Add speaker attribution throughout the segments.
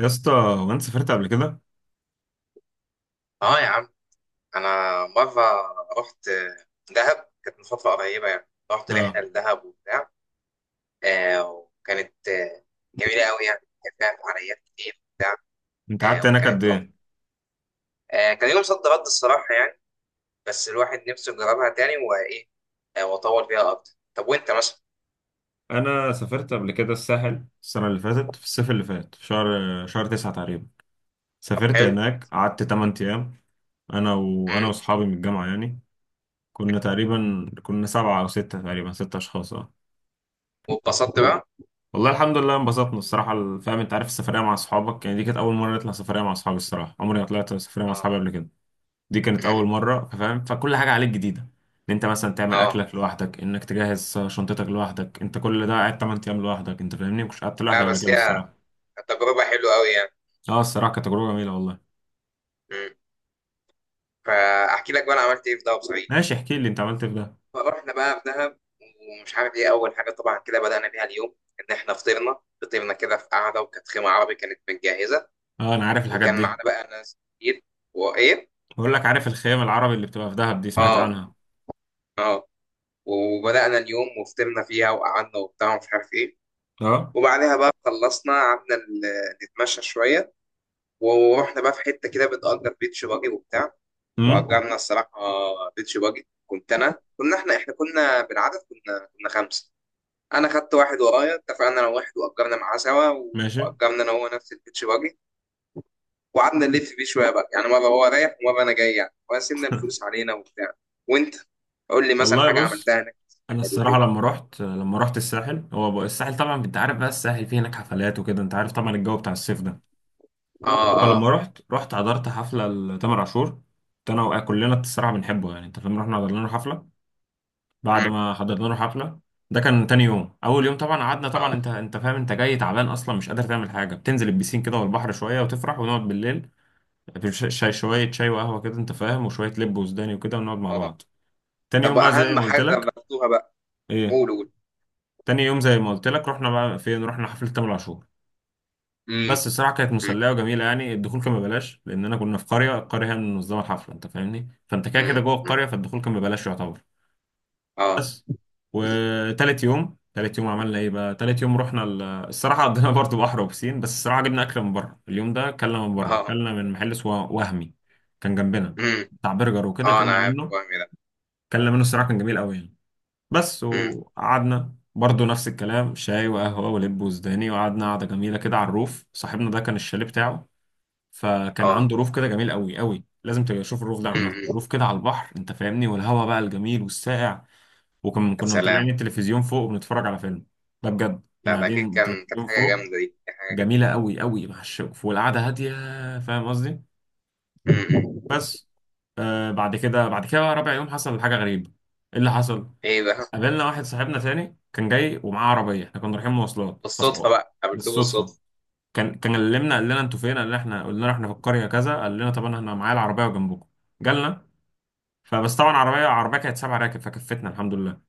Speaker 1: يا اسطى وانت سافرت قبل كده؟
Speaker 2: اه، يا عم. انا مره رحت دهب، كانت من فتره قريبه، يعني رحت رحله
Speaker 1: اه،
Speaker 2: لدهب وبتاع. وكانت جميله قوي، يعني كان فيها فعاليات كتير وبتاع.
Speaker 1: انت قعدت هناك قد
Speaker 2: وكانت تحفه.
Speaker 1: ايه؟
Speaker 2: كان يوم صد رد، الصراحه يعني. بس الواحد نفسه يجربها تاني وايه. واطول فيها اكتر. طب وانت مثلا؟
Speaker 1: انا سافرت قبل كده الساحل السنة اللي فاتت في الصيف اللي فات في شهر 9 تقريبا.
Speaker 2: طب
Speaker 1: سافرت
Speaker 2: حلو.
Speaker 1: هناك قعدت 8 أيام. أنا
Speaker 2: مم.
Speaker 1: وأصحابي من الجامعة يعني. كنا تقريبا كنا سبعة أو ستة تقريبا ستة أشخاص، اه.
Speaker 2: واتبسطت بقى.
Speaker 1: والله الحمد لله انبسطنا الصراحة. فاهم، أنت عارف السفرية مع أصحابك يعني، دي كانت أول مرة نطلع سفرية مع أصحابي الصراحة. عمري ما طلعت سفرية مع
Speaker 2: اه.
Speaker 1: أصحابي قبل كده. دي كانت
Speaker 2: مم.
Speaker 1: اول مره، فاهم، فكل حاجه عليك جديده. ان انت مثلا تعمل
Speaker 2: اه.
Speaker 1: اكلك لوحدك، انك تجهز شنطتك لوحدك انت، كل ده قاعد 8 ايام لوحدك. انت فاهمني مش قعدت
Speaker 2: لا
Speaker 1: لوحدي قبل
Speaker 2: بس
Speaker 1: كده
Speaker 2: هي
Speaker 1: الصراحه.
Speaker 2: تجربه حلوه قوي يعني.
Speaker 1: اه، الصراحه كانت تجربه جميله والله.
Speaker 2: مم. فاحكي لك بقى انا عملت ايه في دهب صحيح.
Speaker 1: ماشي، احكي لي انت عملت إيه في ده.
Speaker 2: فروحنا بقى في دهب، ومش عارف ايه، اول حاجه طبعا كده بدانا بيها اليوم ان احنا فطرنا كده في قعده، وكانت خيمه عربي كانت متجهزه.
Speaker 1: اه، انا عارف الحاجات
Speaker 2: وكان
Speaker 1: دي.
Speaker 2: معانا بقى ناس كتير وايه.
Speaker 1: بقول لك، عارف الخيام العربي اللي بتبقى في دهب دي، سمعت
Speaker 2: اه.
Speaker 1: عنها؟
Speaker 2: اه. وبدانا اليوم وفطرنا فيها وقعدنا وبتاع ومش عارف ايه.
Speaker 1: اه،
Speaker 2: وبعدها بقى خلصنا قعدنا نتمشى شويه. ورحنا بقى في حته كده بتأجر بيتش باجي وبتاع.
Speaker 1: امم،
Speaker 2: واجرنا الصراحه بيتش باجي. كنت انا، كنا احنا، كنا بالعدد، كنا خمسه. انا خدت واحد ورايا، اتفقنا انا واحد واجرنا معاه سوا.
Speaker 1: ماشي.
Speaker 2: واجرنا انا هو نفس البيتش باجي، وقعدنا نلف بيه شويه بقى، يعني مره هو رايح ومره انا جاي يعني، وقسمنا الفلوس علينا وبتاع. وانت قول لي مثلا
Speaker 1: والله
Speaker 2: حاجه
Speaker 1: بص،
Speaker 2: عملتها هناك.
Speaker 1: انا
Speaker 2: حلو
Speaker 1: الصراحه
Speaker 2: كده.
Speaker 1: لما رحت الساحل، هو بقى- الساحل طبعا انت عارف، بقى الساحل فيه هناك حفلات وكده، انت عارف طبعا الجو بتاع الصيف ده.
Speaker 2: اه. اه.
Speaker 1: فلما رحت حضرت حفلة لتامر عاشور. كنت انا وقع كلنا الصراحة بنحبه يعني، انت فاهم، رحنا حضرنا له حفلة. بعد
Speaker 2: مم،
Speaker 1: ما حضرنا له حفلة، ده كان تاني يوم. اول يوم طبعا قعدنا طبعا،
Speaker 2: اه.
Speaker 1: انت فاهم انت جاي تعبان اصلا مش قادر تعمل حاجة، بتنزل البسين كده والبحر شوية وتفرح ونقعد بالليل في ش- شاي شوية شاي وقهوة كده انت فاهم، وشوية لب وسوداني وكده ونقعد مع
Speaker 2: اه.
Speaker 1: بعض. تاني
Speaker 2: طب
Speaker 1: يوم بقى زي
Speaker 2: اهم
Speaker 1: ما قلت
Speaker 2: حاجه
Speaker 1: لك.
Speaker 2: جربتوها بقى؟
Speaker 1: ايه؟
Speaker 2: قول قول.
Speaker 1: تاني يوم زي ما قلت لك رحنا بقى فين، رحنا حفلة تامر عاشور.
Speaker 2: امم،
Speaker 1: بس الصراحه كانت
Speaker 2: امم،
Speaker 1: مسليه وجميله يعني. الدخول كان ببلاش لاننا كنا في قريه، القريه هي اللي منظمه الحفله انت فاهمني، فانت كده كده
Speaker 2: امم،
Speaker 1: جوه
Speaker 2: أمم.
Speaker 1: القريه فالدخول كان ببلاش يعتبر.
Speaker 2: اه.
Speaker 1: بس، وتالت يوم عملنا ايه بقى؟ تالت يوم رحنا ال... الصراحه قضينا برضه بحر وبسين. بس الصراحه جبنا اكل من بره اليوم ده، كلنا من بره،
Speaker 2: اه.
Speaker 1: كلنا من محل اسمه وهمي، كان جنبنا،
Speaker 2: امم.
Speaker 1: بتاع برجر وكده.
Speaker 2: اه، انا
Speaker 1: كلنا
Speaker 2: عارف
Speaker 1: منه،
Speaker 2: وهمي ده.
Speaker 1: كلنا منه الصراحه، كان جميل قوي يعني. بس
Speaker 2: امم.
Speaker 1: وقعدنا برضه نفس الكلام شاي وقهوه ولب وزداني، وقعدنا قعده جميله كده على الروف. صاحبنا ده كان الشاليه بتاعه، فكان
Speaker 2: اه.
Speaker 1: عنده روف كده جميل قوي، لازم تبقى تشوف الروف ده،
Speaker 2: امم،
Speaker 1: عامه
Speaker 2: أمم.
Speaker 1: روف كده على البحر انت فاهمني، والهواء بقى الجميل والساقع. وكنا
Speaker 2: يا
Speaker 1: كنا مطلعين
Speaker 2: سلام.
Speaker 1: التلفزيون فوق وبنتفرج على فيلم، ده بجد كنا
Speaker 2: لا، ده اكيد
Speaker 1: قاعدين
Speaker 2: كانت
Speaker 1: التلفزيون
Speaker 2: حاجه
Speaker 1: فوق.
Speaker 2: جامده، دي كانت حاجه جامده.
Speaker 1: جميله قوي مع الشوف والقعده هاديه، فاهم قصدي.
Speaker 2: أمم، أمم.
Speaker 1: بس، آه، بعد كده بقى رابع يوم حصل حاجه غريبه. ايه اللي حصل؟
Speaker 2: ايه بقى؟
Speaker 1: قابلنا واحد صاحبنا تاني كان جاي ومعاه عربيه، احنا كنا رايحين مواصلات
Speaker 2: بالصدفة بقى قابلته
Speaker 1: بالصدفه.
Speaker 2: بالصدفة.
Speaker 1: كان كلمنا، قال لنا انتوا فين، قال لنا، احنا قلنا له احنا في القريه كذا، قال لنا طب انا هنا معايا العربيه وجنبكم، جالنا. فبس طبعا عربيه كانت سبع راكب فكفتنا الحمد لله.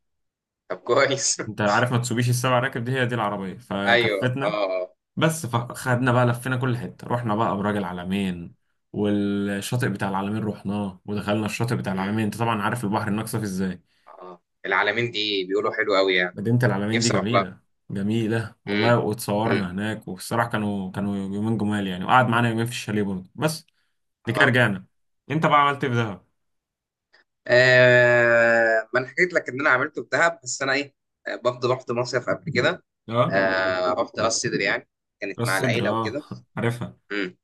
Speaker 2: طب كويس.
Speaker 1: انت عارف ما تسوبيش السبع راكب دي، هي دي العربيه
Speaker 2: ايوه،
Speaker 1: فكفتنا.
Speaker 2: اه. اه.
Speaker 1: بس فخدنا بقى لفينا كل حته، رحنا بقى ابراج العلمين، والشاطئ بتاع العلمين رحناه، ودخلنا الشاطئ بتاع العلمين.
Speaker 2: امم.
Speaker 1: انت طبعا عارف البحر هناك صافي ازاي.
Speaker 2: اه، العالمين دي بيقولوا حلو قوي يعني.
Speaker 1: مدينه العلمين دي
Speaker 2: نفسي اروح لها.
Speaker 1: جميله، جميله والله،
Speaker 2: امم. امم.
Speaker 1: واتصورنا هناك. والصراحه كانوا يومين جمال يعني، وقعد معانا يومين في الشاليه برضه بس. دي
Speaker 2: اه.
Speaker 1: كرجانة. انت بقى عملت ايه في دهب؟
Speaker 2: آه، ما انا حكيت لك ان انا عملته في دهب، بس انا ايه، آه، برضه رحت مصيف قبل كده.
Speaker 1: اه،
Speaker 2: آه، رحت راس سدر يعني، كانت
Speaker 1: راس
Speaker 2: مع
Speaker 1: صدر،
Speaker 2: العيله
Speaker 1: اه
Speaker 2: وكده.
Speaker 1: عارفها،
Speaker 2: امم.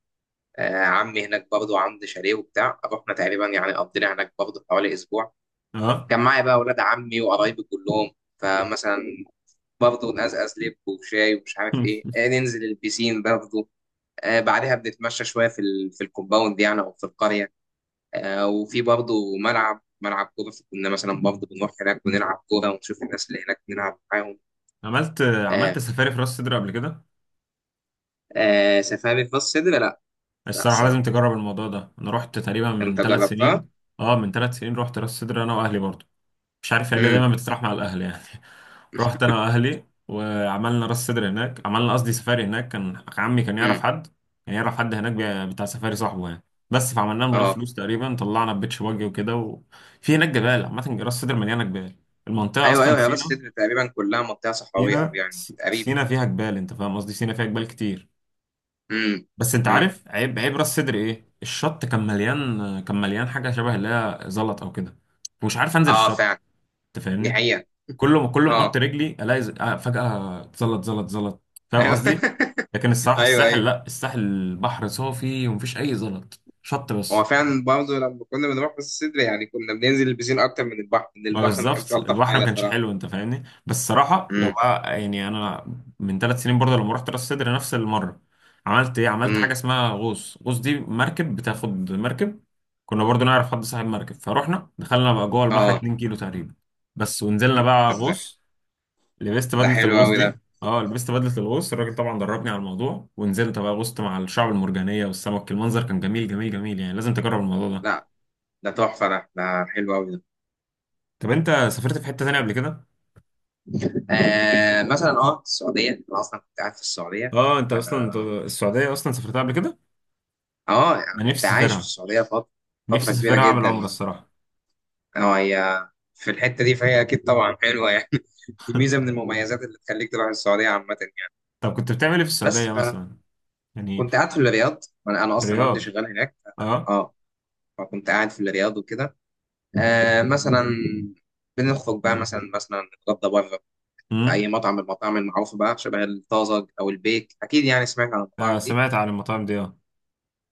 Speaker 2: آه، عمي هناك برضه عنده شاليه وبتاع، رحنا تقريبا يعني قضينا هناك برضه حوالي اسبوع.
Speaker 1: اه.
Speaker 2: كان معايا بقى اولاد عمي وقرايبي كلهم، فمثلا برضه نقزقز لب وشاي ومش عارف ايه، ننزل البيسين برضه. بعدها بنتمشى شويه في الكومباوند يعني او في القريه. وفي برضه ملعب كوره، كنا مثلا برضه بنروح هناك ونلعب كوره ونشوف الناس اللي هناك نلعب معاهم.
Speaker 1: عملت عملت
Speaker 2: آه.
Speaker 1: سفاري في راس صدر قبل كده؟
Speaker 2: آه، سفاري في راس سدر لا. لا
Speaker 1: الصراحة لازم
Speaker 2: الصراحه،
Speaker 1: تجرب الموضوع ده، انا رحت تقريبا من
Speaker 2: انت
Speaker 1: ثلاث
Speaker 2: جربتها؟
Speaker 1: سنين اه، من 3 سنين رحت راس صدر انا واهلي برضو. مش عارف هي ليه
Speaker 2: امم.
Speaker 1: دايما بتطرح مع الاهل يعني. رحت انا واهلي وعملنا راس صدر هناك، عملنا قصدي سفاري هناك. كان عمي يعرف
Speaker 2: امم.
Speaker 1: حد، كان يعرف حد هناك بتاع سفاري، صاحبه يعني. بس فعملناه من غير
Speaker 2: اه.
Speaker 1: فلوس تقريبا، طلعنا بيتش باجي وكده. وفي هناك جبال، عامة راس صدر مليانة جبال، المنطقة
Speaker 2: ايوه
Speaker 1: أصلا
Speaker 2: ايوه، هي راس
Speaker 1: سينا.
Speaker 2: سدر تقريبا كلها منطقه صحراويه، او
Speaker 1: سينا،
Speaker 2: يعني تقريبا.
Speaker 1: سينا فيها جبال، أنت فاهم قصدي، سينا فيها جبال كتير.
Speaker 2: امم.
Speaker 1: بس أنت
Speaker 2: امم.
Speaker 1: عارف عيب راس صدر إيه؟ الشط كان مليان، كان مليان حاجة شبه اللي هي زلط أو كده. ومش عارف أنزل
Speaker 2: اه
Speaker 1: الشط،
Speaker 2: فعلا.
Speaker 1: أنت
Speaker 2: دي
Speaker 1: فاهمني.
Speaker 2: حقيقه.
Speaker 1: كل ما احط
Speaker 2: اه.
Speaker 1: رجلي الاقي فجأة اتزلط زلط زلط. فاهم
Speaker 2: ايوه
Speaker 1: قصدي. لكن الصراحة
Speaker 2: ايوه
Speaker 1: الساحل
Speaker 2: ايوه.
Speaker 1: لا، الساحل البحر صافي ومفيش اي زلط، شط
Speaker 2: هو
Speaker 1: بس.
Speaker 2: فعلا برضه لما كنا بنروح بس الصدر يعني كنا بننزل البسين اكتر من البحر،
Speaker 1: ما
Speaker 2: ما كانش
Speaker 1: بالظبط
Speaker 2: الطف
Speaker 1: البحر ما
Speaker 2: حاجه
Speaker 1: كانش
Speaker 2: بصراحه.
Speaker 1: حلو انت فاهمني. بس الصراحة لو
Speaker 2: امم.
Speaker 1: بقى يعني انا، من 3 سنين برضه لما رحت راس سدر نفس المرة، عملت ايه؟ عملت
Speaker 2: امم.
Speaker 1: حاجة اسمها غوص. غوص دي مركب، بتاخد مركب. كنا برضه نعرف حد صاحب مركب، فروحنا دخلنا بقى جوه البحر
Speaker 2: اه.
Speaker 1: 2 كيلو تقريبا بس، ونزلنا بقى
Speaker 2: طب ده
Speaker 1: غوص. لبست
Speaker 2: ده
Speaker 1: بدلة
Speaker 2: حلو
Speaker 1: الغوص
Speaker 2: قوي ده.
Speaker 1: دي، اه لبست بدلة الغوص، الراجل طبعا دربني على الموضوع، ونزلت بقى غوصت مع الشعب المرجانية والسمك. المنظر كان جميل جميل جميل يعني، لازم تجرب الموضوع ده.
Speaker 2: لا، ده تحفه ده ده حلو قوي ده.
Speaker 1: طب انت سافرت في حتة تانية قبل كده؟
Speaker 2: آه مثلا، اه السعوديه، انا اصلا كنت قاعد في السعوديه.
Speaker 1: اه، انت اصلا، انت
Speaker 2: انا،
Speaker 1: السعودية اصلا سافرتها قبل كده؟
Speaker 2: اه يعني
Speaker 1: انا نفسي
Speaker 2: كنت عايش في
Speaker 1: اسافرها،
Speaker 2: السعوديه فتره، فتره
Speaker 1: نفسي
Speaker 2: كبيره
Speaker 1: اسافرها اعمل
Speaker 2: جدا
Speaker 1: عمرة
Speaker 2: يعني.
Speaker 1: الصراحة.
Speaker 2: اه هي في الحته دي، فهي اكيد طبعا حلوه يعني. دي ميزه من المميزات اللي تخليك تروح السعوديه عامه يعني.
Speaker 1: طب كنت بتعمل ايه في
Speaker 2: بس
Speaker 1: السعودية مثلا؟ يعني.
Speaker 2: فكنت قاعد في الرياض. انا اصلا والدي
Speaker 1: الرياض،
Speaker 2: شغال هناك. اه.
Speaker 1: اه.
Speaker 2: آه. فكنت قاعد في الرياض وكده. آه مثلا، بنخرج بقى مثلا، نتغدى بره في
Speaker 1: امم.
Speaker 2: اي مطعم من المطاعم المعروفه بقى، شبه الطازج او البيك، اكيد يعني سمعت عن
Speaker 1: آه،
Speaker 2: المطاعم دي.
Speaker 1: سمعت عن المطاعم دي، اه.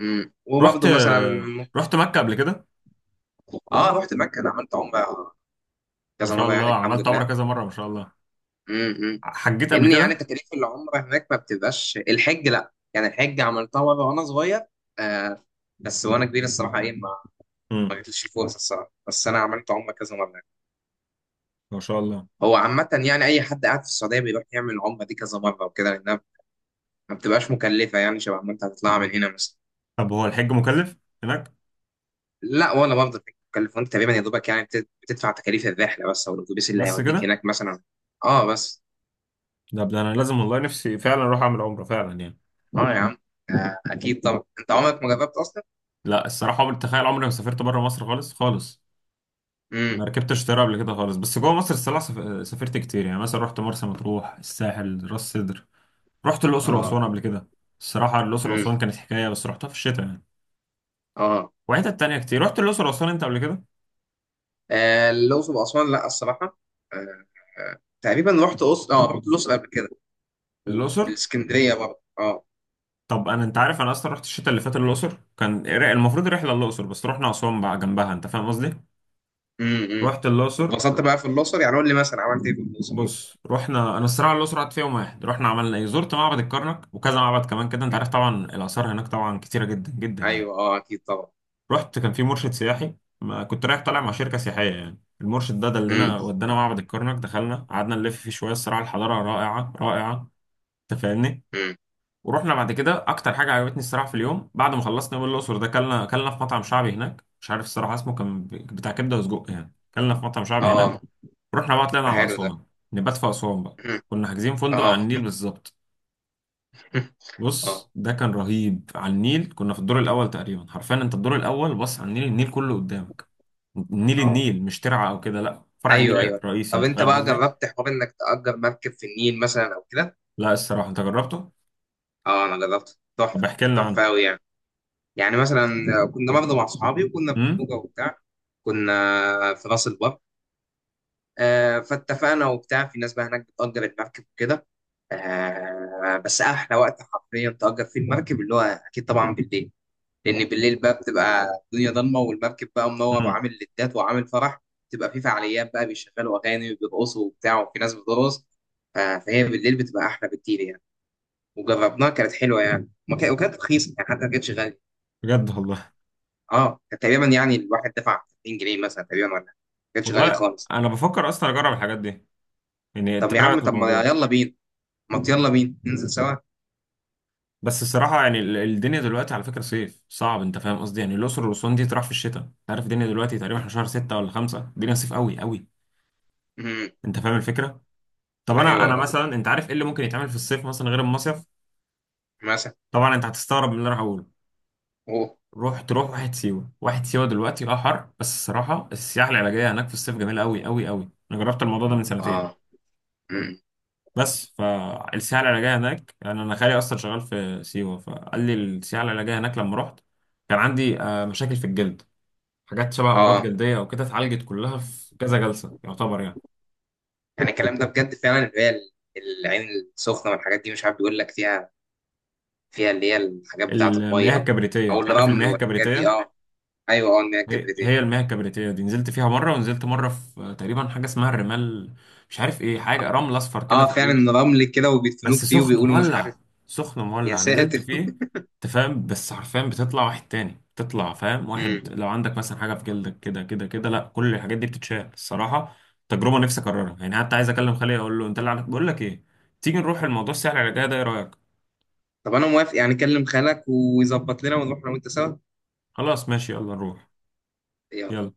Speaker 2: امم.
Speaker 1: رحت،
Speaker 2: وبرضه مثلا
Speaker 1: آه، رحت مكة قبل كده.
Speaker 2: اه رحت مكه، عملت عمره
Speaker 1: ما
Speaker 2: كذا
Speaker 1: شاء
Speaker 2: مره يعني
Speaker 1: الله،
Speaker 2: الحمد
Speaker 1: عملت عمرة
Speaker 2: لله.
Speaker 1: كذا مرة ما شاء الله.
Speaker 2: امم.
Speaker 1: حجيت قبل
Speaker 2: لان يعني
Speaker 1: كده؟
Speaker 2: تكاليف العمره هناك ما بتبقاش، الحج لا، يعني الحج عملتها مره وانا صغير. آه. بس وانا كبير الصراحه ايه، ما ما
Speaker 1: امم،
Speaker 2: جاتليش الفرصه الصراحه، بس انا عملت عمره كذا مره.
Speaker 1: ما شاء الله.
Speaker 2: هو عامة يعني أي حد قاعد في السعودية بيروح يعمل العمرة دي كذا مرة وكده، لأنها ما بتبقاش مكلفة، يعني شبه ما أنت هتطلعها من هنا مثلا.
Speaker 1: طب هو الحج مكلف هناك؟
Speaker 2: لا ولا برضه فكرة مكلفة، وأنت تقريبا يا دوبك يعني بتدفع تكاليف الرحلة بس، أو الأتوبيس اللي
Speaker 1: بس
Speaker 2: هيوديك
Speaker 1: كده؟
Speaker 2: هناك مثلا. أه بس.
Speaker 1: ده انا لازم والله، نفسي فعلا اروح اعمل عمره فعلا يعني.
Speaker 2: أه يا عم. آه، أكيد طبعا، أنت عمرك ما جربت أصلا؟
Speaker 1: لا الصراحه عمري، تخيل، عمري ما سافرت بره مصر خالص خالص. ما
Speaker 2: امم.
Speaker 1: ركبتش طياره قبل كده خالص. بس جوه مصر الصراحه سافرت كتير يعني. مثلا رحت مرسى مطروح، الساحل، راس سدر. رحت الاقصر
Speaker 2: اه.
Speaker 1: واسوان قبل كده. الصراحه الاقصر
Speaker 2: امم.
Speaker 1: واسوان كانت حكايه، بس رحتها في الشتاء يعني.
Speaker 2: اه.
Speaker 1: وحتت تانية كتير. رحت الاقصر واسوان انت قبل كده؟
Speaker 2: آه، الأقصر وأسوان لا الصراحة. آه. آه، تقريبا رحت أقصر، أه رحت الأقصر قبل كده،
Speaker 1: الاقصر.
Speaker 2: والإسكندرية برضه أه.
Speaker 1: طب انا، انت عارف انا اصلا رحت الشتاء اللي فات الاقصر، كان المفروض رحله الاقصر بس رحنا اسوان بقى جنبها، انت فاهم قصدي.
Speaker 2: امم. امم.
Speaker 1: رحت الأقصر.
Speaker 2: واتبسطت بقى في الأقصر يعني؟ قول لي مثلا عملت إيه في الأقصر.
Speaker 1: بص، رحنا، انا الصراحه الاقصر قعدت فيها يوم واحد، رحنا عملنا ايه، زرت معبد الكرنك وكذا معبد كمان كده، انت
Speaker 2: مم.
Speaker 1: عارف طبعا الاثار هناك طبعا كتيره جدا جدا يعني.
Speaker 2: ايوه، اه اكيد طبعا.
Speaker 1: رحت، كان في مرشد سياحي، ما كنت رايح طالع مع شركه سياحيه يعني. المرشد ده دلنا،
Speaker 2: مم.
Speaker 1: ودانا معبد الكرنك، دخلنا قعدنا نلف فيه شويه الصراحه. الحضاره رائعه، انت فاهمني.
Speaker 2: مم.
Speaker 1: ورحنا بعد كده، اكتر حاجه عجبتني الصراحه في اليوم بعد ما خلصنا من الاقصر ده، كلنا، كلنا في مطعم شعبي هناك مش عارف الصراحه اسمه، كان بتاع كبده وسجق يعني، كلنا في مطعم شعبي هناك.
Speaker 2: اه.
Speaker 1: رحنا بقى طلعنا
Speaker 2: ده
Speaker 1: على
Speaker 2: حلو ده.
Speaker 1: أسوان، نبات في أسوان بقى.
Speaker 2: مم.
Speaker 1: كنا حاجزين فندق على
Speaker 2: اه.
Speaker 1: النيل بالظبط. بص،
Speaker 2: اه.
Speaker 1: ده كان رهيب، على النيل، كنا في الدور الأول تقريبا، حرفيا أنت الدور الأول بص على النيل، النيل كله قدامك. النيل
Speaker 2: اه.
Speaker 1: النيل مش ترعة أو كده لا، فرع النيل
Speaker 2: ايوه ايوه.
Speaker 1: الرئيسي
Speaker 2: طب
Speaker 1: أنت
Speaker 2: انت
Speaker 1: فاهم
Speaker 2: بقى
Speaker 1: قصدي؟
Speaker 2: جربت حوار انك تأجر مركب في النيل مثلا او كده؟
Speaker 1: لا الصراحة، أنت جربته؟
Speaker 2: اه انا جربت،
Speaker 1: طب
Speaker 2: تحفه.
Speaker 1: احكي لنا عنه.
Speaker 2: تحفه قوي يعني. يعني مثلا كنا برضه مع صحابي، وكنا في
Speaker 1: امم،
Speaker 2: خروجه وبتاع، كنا في راس البر. آه، فاتفقنا وبتاع، في ناس بقى هناك بتأجر المركب وكده. آه، بس احلى وقت حرفيا تأجر فيه المركب اللي هو اكيد طبعا بالليل، لان بالليل بقى بتبقى الدنيا ضلمه والمركب بقى منور
Speaker 1: امم.
Speaker 2: وعامل لدات وعامل فرح. بتبقى في فعاليات بقى، بيشغلوا اغاني وبيرقصوا وبتاع، وفي ناس بترقص. فهي بالليل بتبقى احلى بكتير يعني. وجربناها كانت حلوه يعني، وكانت رخيصه يعني، حتى ما كانتش غاليه.
Speaker 1: بجد والله.
Speaker 2: اه كانت تقريبا يعني الواحد دفع 30 جنيه مثلا تقريبا ولا حاجة. ما كانتش غاليه
Speaker 1: والله
Speaker 2: خالص.
Speaker 1: أنا بفكر أصلا أجرب الحاجات دي، يعني أنت
Speaker 2: طب يا
Speaker 1: إيه رأيك
Speaker 2: عم،
Speaker 1: في
Speaker 2: طب ما
Speaker 1: الموضوع؟
Speaker 2: يلا بينا، ما يلا بينا ننزل سوا.
Speaker 1: بس الصراحة يعني الدنيا دلوقتي على فكرة صيف صعب، انت فاهم قصدي، يعني الأقصر والأسوان دي تروح في الشتاء انت عارف. الدنيا دلوقتي تقريبا احنا شهر 6 ولا 5، الدنيا صيف قوي.
Speaker 2: امم.
Speaker 1: انت فاهم الفكرة. طب انا
Speaker 2: ايوه
Speaker 1: مثلا، انت عارف ايه اللي ممكن يتعمل في الصيف مثلا غير المصيف؟
Speaker 2: مثلا.
Speaker 1: طبعا انت هتستغرب من اللي انا هقوله.
Speaker 2: اوه.
Speaker 1: روح، تروح واحد سيوة. دلوقتي اه حر، بس الصراحة السياحة العلاجية هناك في الصيف جميلة قوي. انا جربت الموضوع ده من سنتين.
Speaker 2: اه. امم.
Speaker 1: بس فالسياحة العلاجية هناك يعني، انا خالي اصلا شغال في سيوة فقال لي السياحة العلاجية هناك. لما رحت كان عندي مشاكل في الجلد، حاجات شبه امراض
Speaker 2: اه.
Speaker 1: جلديه او كده، اتعالجت كلها في كذا جلسه يعتبر يعني.
Speaker 2: يعني الكلام ده بجد فعلا اللي هي العين السخنه والحاجات دي، مش عارف بيقول لك فيها، فيها اللي هي الحاجات بتاعه الميه
Speaker 1: المياه
Speaker 2: او او
Speaker 1: الكبريتيه، عارف
Speaker 2: الرمل
Speaker 1: المياه
Speaker 2: والحاجات دي
Speaker 1: الكبريتيه؟
Speaker 2: اه. ايوه، اه ان هي
Speaker 1: هي
Speaker 2: الكبريتيه.
Speaker 1: هي المياه الكبريتيه دي، نزلت فيها مره، ونزلت مره في تقريبا حاجه اسمها الرمال. مش عارف ايه، حاجه رمل اصفر كده
Speaker 2: اه
Speaker 1: تقريبا.
Speaker 2: فعلا، رمل كده وبيدفنوك
Speaker 1: بس
Speaker 2: فيه،
Speaker 1: سخن
Speaker 2: وبيقولوا مش عارف.
Speaker 1: مولع، سخن
Speaker 2: يا
Speaker 1: مولع، نزلت
Speaker 2: ساتر.
Speaker 1: فيه. انت فاهم، بس حرفيا بتطلع واحد تاني، بتطلع فاهم واحد
Speaker 2: مم.
Speaker 1: لو عندك مثلا حاجه في جلدك كده كده كده، لا كل الحاجات دي بتتشال الصراحه. تجربه نفسي اكررها يعني، حتى عايز اكلم خالي اقول له انت اللي عليك بقول لك ايه. تيجي نروح الموضوع السهل على الرجاية ده، ايه رايك؟
Speaker 2: طب انا موافق، يعني كلم خالك ويظبط لنا ونروح انا وانت سوا.
Speaker 1: خلاص ماشي، يلا نروح.
Speaker 2: يلا.
Speaker 1: يلا.